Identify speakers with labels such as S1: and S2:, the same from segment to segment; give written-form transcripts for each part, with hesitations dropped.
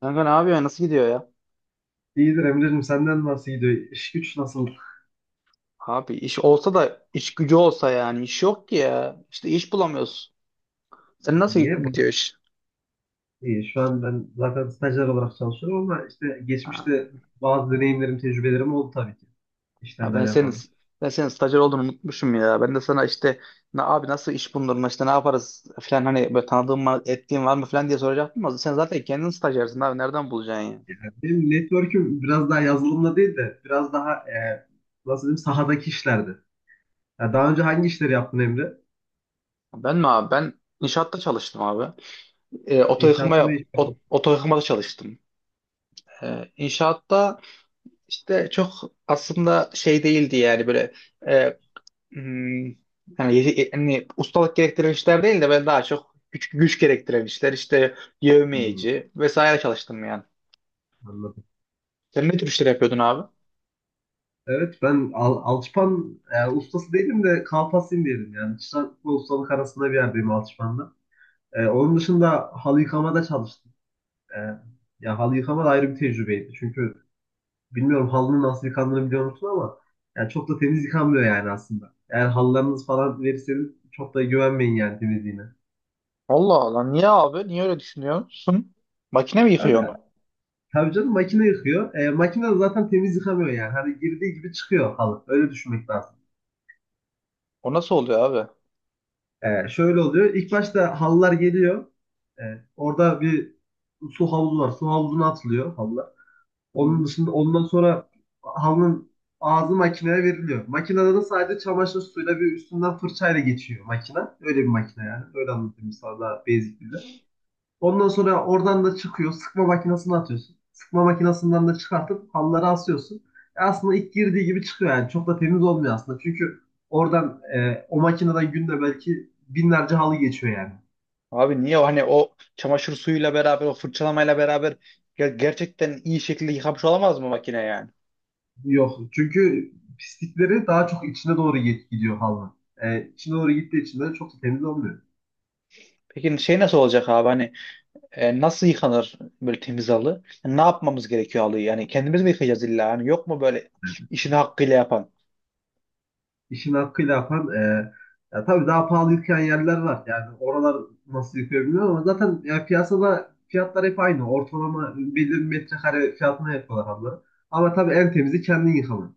S1: Kanka ne yapıyor? Ya? Nasıl gidiyor ya?
S2: İyidir Emre'cim, senden nasıl gidiyor? İş güç nasıl
S1: Abi iş olsa da iş gücü olsa yani iş yok ki ya. İşte iş bulamıyoruz. Sen nasıl
S2: diye. Bak,
S1: gidiyor iş?
S2: iyi. Şu an ben zaten stajyer olarak çalışıyorum ama işte
S1: Ha,
S2: geçmişte bazı deneyimlerim, tecrübelerim oldu tabii ki
S1: ya
S2: işlerle
S1: ben senin
S2: alakalı.
S1: ben senin stajyer olduğunu unutmuşum ya. Ben de sana işte abi nasıl iş bulurum işte ne yaparız falan hani böyle tanıdığın mı ettiğin var mı falan diye soracaktım ama sen zaten kendin stajyersin abi nereden bulacaksın ya?"
S2: Yani benim network'üm biraz daha yazılımla değil de biraz daha nasıl diyeyim, sahadaki işlerdi. Ya daha önce hangi işleri yaptın, Emre?
S1: Ben mi abi? Ben inşaatta çalıştım abi. Oto yıkama
S2: İnşaatlı ne iş yaptın?
S1: oto yıkamada çalıştım. E, inşaatta işte çok aslında şey değildi yani böyle. e, Hmm, yani ustalık gerektiren işler değil de ben daha çok güç gerektiren işler işte
S2: Hmm,
S1: yevmiyeci vesaire çalıştım yani.
S2: anladım.
S1: Sen ne tür işler yapıyordun abi?
S2: Evet, ben alçıpan ustası değilim de kalfasıyım diyelim yani. Çırak ve ustalık arasında bir yerdeyim alçıpanda. Onun dışında halı yıkamada çalıştım. E, Ya halı yıkama da ayrı bir tecrübeydi. Çünkü bilmiyorum, halının nasıl yıkandığını biliyor musun ama yani çok da temiz yıkanmıyor yani aslında. Eğer halılarınız falan verirseniz çok da güvenmeyin yani temizliğine.
S1: Allah Allah niye abi? Niye öyle düşünüyorsun? Makine mi yıkıyor
S2: Zaten
S1: onu?
S2: tabii canım, makine yıkıyor. Makine de zaten temiz yıkamıyor yani. Hani girdiği gibi çıkıyor halı. Öyle düşünmek lazım.
S1: O nasıl oluyor abi?
S2: Şöyle oluyor. İlk başta halılar geliyor. E, Orada bir su havuzu var. Su havuzuna atılıyor halılar.
S1: Hı hı.
S2: Onun dışında, ondan sonra halının ağzı makineye veriliyor. Makinede de sadece çamaşır suyuyla bir üstünden fırçayla geçiyor makina. Öyle bir makine yani. Öyle anlatayım sana, daha basic dille. Ondan sonra oradan da çıkıyor. Sıkma makinesine atıyorsun. Sıkma makinesinden de çıkartıp halları asıyorsun. E aslında ilk girdiği gibi çıkıyor yani. Çok da temiz olmuyor aslında. Çünkü oradan o makineden günde belki binlerce halı geçiyor yani.
S1: Abi niye o hani o çamaşır suyuyla beraber o fırçalamayla beraber gerçekten iyi şekilde yıkamış olamaz mı makine yani?
S2: Yok. Çünkü pislikleri daha çok içine doğru gidiyor halının. İçine doğru gittiği için de çok da temiz olmuyor.
S1: Peki şey nasıl olacak abi hani, nasıl yıkanır böyle temiz halı? Ne yapmamız gerekiyor halıyı? Yani kendimiz mi yıkayacağız illa? Yani yok mu böyle işini hakkıyla yapan?
S2: İşini hakkıyla yapan, ya tabii, daha pahalı yıkayan yerler var. Yani oralar nasıl yıkıyor bilmiyorum ama zaten ya, piyasada fiyatlar hep aynı. Ortalama belli bir metrekare fiyatına yapıyorlar halıları. Ama tabii en temizi kendin yıkaman.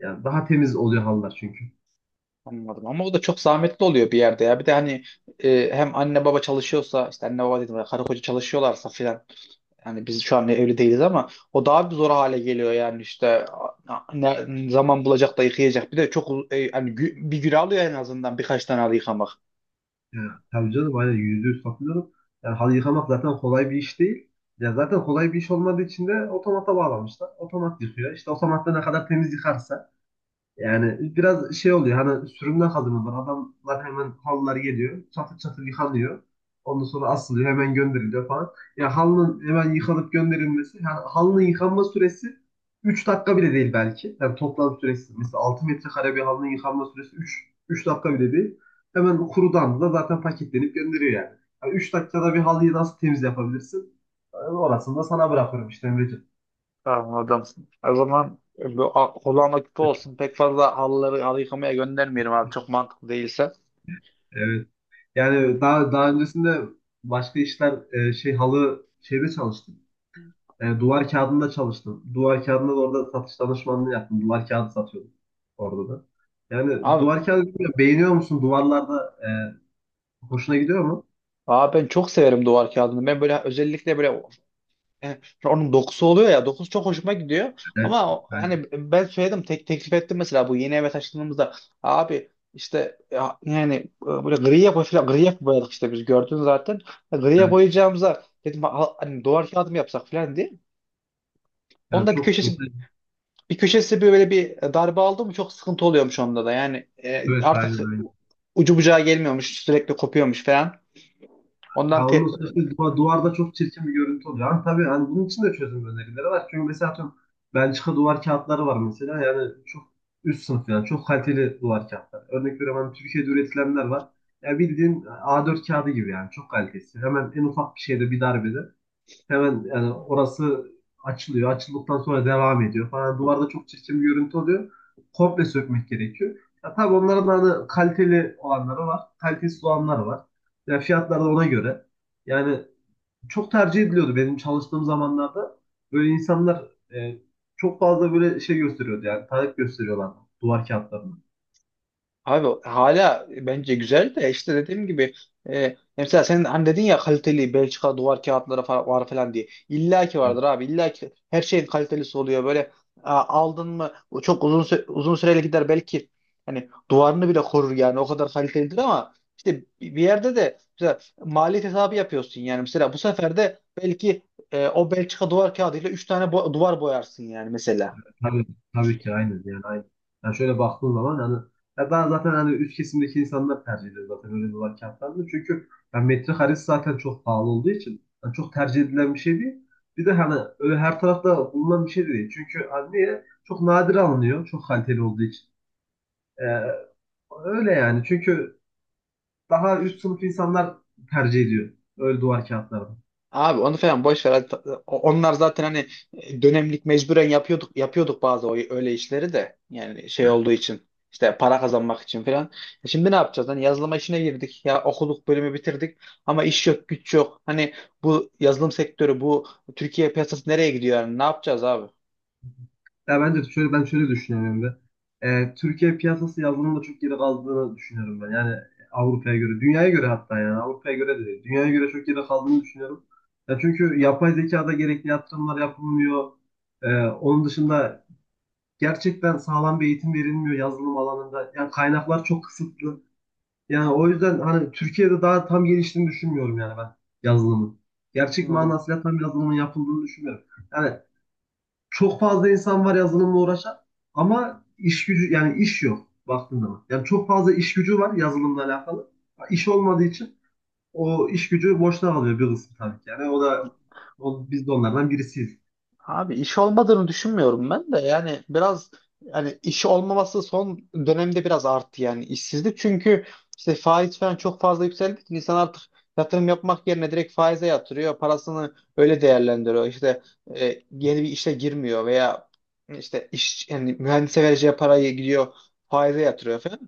S2: Yani daha temiz oluyor halılar çünkü.
S1: Anladım. Ama o da çok zahmetli oluyor bir yerde ya. Bir de hani hem anne baba çalışıyorsa işte anne baba dedim ya, karı koca çalışıyorlarsa filan. Yani biz şu an evli değiliz ama o daha bir zor hale geliyor yani işte ne zaman bulacak da yıkayacak. Bir de çok yani bir gün alıyor en azından birkaç tane halı yıkamak.
S2: Yani, tabii canım, aynen, yüzde yüz katılıyorum. Yani halı yıkamak zaten kolay bir iş değil. Ya zaten kolay bir iş olmadığı için de otomata bağlamışlar. Otomat yıkıyor. İşte otomatta ne kadar temiz yıkarsa, yani biraz şey oluyor hani, sürümden kazanıyorlar. Adamlar, hemen halılar geliyor. Çatır çatır yıkanıyor. Ondan sonra asılıyor. Hemen gönderiliyor falan. Ya halının hemen yıkanıp gönderilmesi. Yani halının yıkanma süresi 3 dakika bile değil belki. Yani toplam süresi. Mesela 6 metrekare bir halının yıkanma süresi üç dakika bile değil. Hemen kurudan da zaten paketlenip gönderiyor yani. Yani 3 dakikada bir halıyı nasıl temiz yapabilirsin? Yani orasını da sana bırakıyorum işte, Emreciğim.
S1: Anladım. O zaman bu kulağına küpe olsun. Pek fazla halıları halı yıkamaya göndermeyelim abi. Çok mantıklı değilse.
S2: Evet. Yani daha öncesinde başka işler, şey, halı şeyde çalıştım. Duvar kağıdında çalıştım. Duvar kağıdında da orada satış danışmanlığı yaptım. Duvar kağıdı satıyordum orada da. Yani
S1: Abi,
S2: duvar kağıdı, bilmiyorum, beğeniyor musun? Duvarlarda hoşuna gidiyor mu?
S1: abi, ben çok severim duvar kağıdını. Ben böyle özellikle böyle. E, Onun dokusu oluyor ya, dokusu çok hoşuma gidiyor
S2: Evet.
S1: ama
S2: Evet.
S1: hani ben söyledim, tek teklif ettim mesela bu yeni eve taşındığımızda abi, işte ya, yani böyle gri yapı falan, gri yapı boyadık işte, biz gördün zaten. Griye
S2: Evet.
S1: boyayacağımıza dedim, hani duvar kağıdı mı yapsak?" falan diye.
S2: Yani
S1: Onda bir
S2: çok
S1: köşesi
S2: mesela,
S1: bir köşesi böyle bir darbe aldı mı çok sıkıntı oluyormuş onda da yani,
S2: evet,
S1: artık
S2: aynen.
S1: ucu bucağı gelmiyormuş, sürekli kopuyormuş falan ondan.
S2: Ya onun sonuçta duvarda çok çirkin bir görüntü oluyor. Ama tabii hani, bunun için de çözüm önerileri var. Çünkü mesela, atıyorum, Belçika duvar kağıtları var mesela. Yani çok üst sınıf, yani çok kaliteli duvar kağıtları. Örnek veriyorum, hani Türkiye'de üretilenler var. Ya bildiğin A4 kağıdı gibi yani, çok kalitesi. Hemen en ufak bir şeyde, bir darbede. Hemen yani orası açılıyor. Açıldıktan sonra devam ediyor falan. Duvarda çok çirkin bir görüntü oluyor. Komple sökmek gerekiyor. Ya tabii onların da hani kaliteli olanları var. Kalitesiz olanları var. Ya fiyatlar da ona göre. Yani çok tercih ediliyordu benim çalıştığım zamanlarda. Böyle insanlar e, çok fazla böyle şey gösteriyordu, yani talep gösteriyorlardı duvar kağıtlarını.
S1: Abi hala bence güzel de işte dediğim gibi mesela sen hani dedin ya, kaliteli Belçika duvar kağıtları var falan diye. İlla ki vardır abi. İlla ki her şeyin kalitelisi oluyor. Böyle aldın mı o çok uzun uzun süreli gider belki, hani duvarını bile korur yani, o kadar kalitelidir ama işte bir yerde de mesela maliyet hesabı yapıyorsun yani, mesela bu sefer de belki o Belçika duvar kağıdıyla 3 tane duvar boyarsın yani mesela.
S2: Tabii, tabii ki, aynen yani, aynen. Yani şöyle baktığın zaman hani, ya ben zaten hani, üst kesimdeki insanlar tercih ediyor zaten öyle dolar kağıtlarını. Çünkü yani metrekaresi zaten çok pahalı olduğu için yani çok tercih edilen bir şey değil. Bir de hani öyle her tarafta bulunan bir şey de değil. Çünkü hani niye? Çok nadir alınıyor. Çok kaliteli olduğu için. Ee, öyle yani. Çünkü daha üst sınıf insanlar tercih ediyor. Öyle duvar kağıtlarını.
S1: Abi onu falan boş ver. Onlar zaten hani dönemlik mecburen yapıyorduk bazı öyle işleri de. Yani şey olduğu için işte, para kazanmak için falan. Şimdi ne yapacağız? Hani yazılıma işine girdik. Ya okuduk, bölümü bitirdik ama iş yok, güç yok. Hani bu yazılım sektörü, bu Türkiye piyasası nereye gidiyor yani? Ne yapacağız abi?
S2: Ya bence şöyle, ben şöyle düşünüyorum da, Türkiye piyasası yazılımda çok geri kaldığını düşünüyorum ben. Yani Avrupa'ya göre, dünyaya göre, hatta yani Avrupa'ya göre de değil, dünyaya göre çok geri kaldığını düşünüyorum. Ya çünkü yapay zekada gerekli yatırımlar yapılmıyor. Onun dışında gerçekten sağlam bir eğitim verilmiyor yazılım alanında. Yani kaynaklar çok kısıtlı. Yani o yüzden hani, Türkiye'de daha tam geliştiğini düşünmüyorum yani ben yazılımın. Gerçek
S1: Anladım.
S2: manasıyla tam yazılımın yapıldığını düşünmüyorum. Yani çok fazla insan var yazılımla uğraşan ama iş gücü, yani iş yok baktığın zaman. Yani çok fazla iş gücü var yazılımla alakalı. İş olmadığı için o iş gücü boşta kalıyor bir kısmı tabii ki. Yani biz de onlardan birisiyiz.
S1: Abi iş olmadığını düşünmüyorum ben de, yani biraz hani iş olmaması son dönemde biraz arttı yani, işsizlik çünkü işte faiz falan çok fazla yükseldi ki insan artık yatırım yapmak yerine direkt faize yatırıyor parasını, öyle değerlendiriyor işte. e, Yeni bir işe girmiyor veya işte iş, yani mühendise vereceği parayı gidiyor faize yatırıyor falan,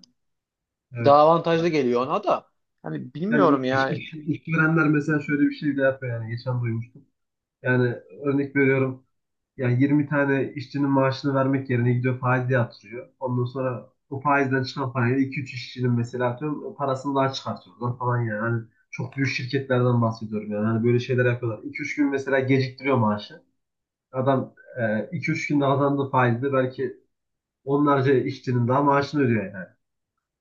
S1: daha
S2: Evet.
S1: avantajlı geliyor ona da. Hani bilmiyorum
S2: Yani
S1: yani.
S2: işverenler mesela şöyle bir şey de yapıyor yani, geçen duymuştum. Yani, örnek veriyorum. Yani 20 tane işçinin maaşını vermek yerine gidiyor faize yatırıyor. Ondan sonra o faizden çıkan parayla 2-3 işçinin mesela, atıyorum, parasını daha çıkartıyorlar falan yani. Hani çok büyük şirketlerden bahsediyorum yani. Hani böyle şeyler yapıyorlar. 2-3 gün mesela geciktiriyor maaşı. Adam 2-3 günde kazandığı faizle belki onlarca işçinin daha maaşını ödüyor yani.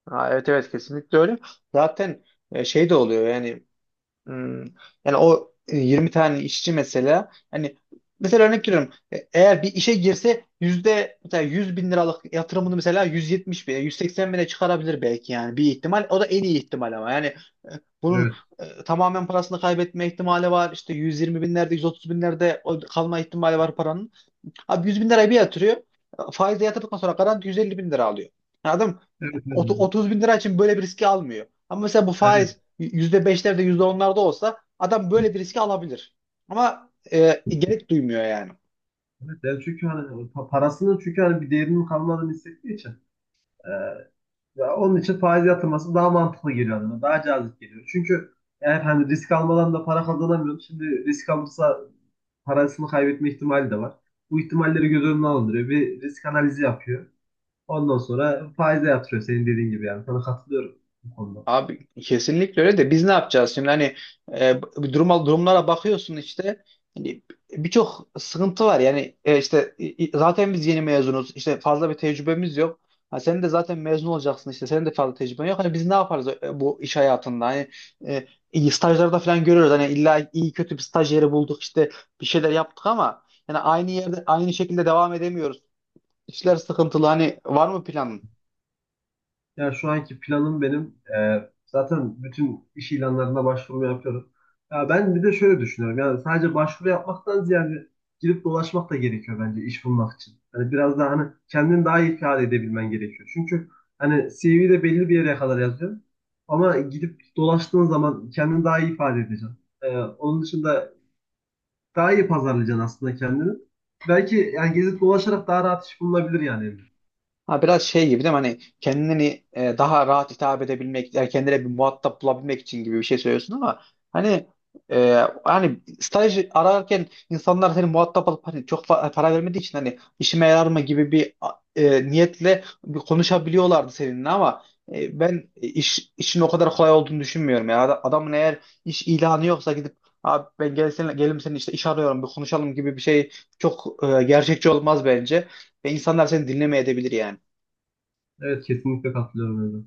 S1: Ha, evet evet, kesinlikle öyle zaten. Şey de oluyor yani. Hmm. Yani o 20 tane işçi mesela, hani mesela örnek veriyorum eğer bir işe girse yüzde mesela 100 bin liralık yatırımını mesela 170 bine, 180 bine çıkarabilir belki, yani bir ihtimal, o da en iyi ihtimal ama yani e, bunun
S2: Evet.
S1: tamamen parasını kaybetme ihtimali var işte, 120 binlerde, 130 binlerde o kalma ihtimali var paranın. Abi 100 bin lirayı bir yatırıyor. Faizle yatırdıktan sonra garanti 150 bin lira alıyor. Yani adam
S2: Evet. Evet. Evet.
S1: 30 bin lira için böyle bir riski almıyor. Ama mesela bu
S2: Aynen.
S1: faiz %5'lerde, yüzde onlarda olsa adam böyle bir riski alabilir. Ama gerek duymuyor yani.
S2: Evet, yani çünkü hani parasının, çünkü hani bir değerinin kalmadığını hissettiği için. Ya onun için faiz yatırması daha mantıklı geliyor adama. Daha cazip geliyor. Çünkü yani hani risk almadan da para kazanamıyor. Şimdi risk alırsa parasını kaybetme ihtimali de var. Bu ihtimalleri göz önüne alındırıyor. Bir risk analizi yapıyor. Ondan sonra faize yatırıyor senin dediğin gibi yani. Sana katılıyorum bu konuda.
S1: Abi kesinlikle öyle de biz ne yapacağız şimdi? Hani bu duruma, durumlara bakıyorsun işte, hani birçok sıkıntı var yani. İşte zaten biz yeni mezunuz, işte fazla bir tecrübemiz yok. Ha, sen de zaten mezun olacaksın işte, senin de fazla tecrüben yok. Hani biz ne yaparız bu iş hayatında? Hani iyi stajlarda falan görüyoruz, hani illa iyi kötü bir staj yeri bulduk işte, bir şeyler yaptık ama yani aynı yerde aynı şekilde devam edemiyoruz, işler sıkıntılı. Hani var mı planın?
S2: Ya şu anki planım benim, zaten bütün iş ilanlarına başvuru yapıyorum. Ya ben bir de şöyle düşünüyorum. Yani sadece başvuru yapmaktan ziyade girip dolaşmak da gerekiyor bence iş bulmak için. Hani biraz daha hani, kendini daha iyi ifade edebilmen gerekiyor. Çünkü hani CV'de belli bir yere kadar yazıyor. Ama gidip dolaştığın zaman kendini daha iyi ifade edeceksin. Onun dışında daha iyi pazarlayacaksın aslında kendini. Belki yani gezip dolaşarak daha rahat iş bulunabilir yani, Emre.
S1: Ha, biraz şey gibi değil mi? Hani kendini daha rahat hitap edebilmek, yani kendine bir muhatap bulabilmek için gibi bir şey söylüyorsun ama hani hani staj ararken insanlar seni muhatap alıp hani, çok para vermediği için hani işime yarar mı gibi bir niyetle bir konuşabiliyorlardı seninle ama ben işin o kadar kolay olduğunu düşünmüyorum. Yani adamın eğer iş ilanı yoksa gidip, "Abi ben gel seninle, gelim senin işte, iş arıyorum, bir konuşalım" gibi bir şey çok gerçekçi olmaz bence ve insanlar seni dinlemeye edebilir yani.
S2: Evet, kesinlikle katılıyorum, Emre.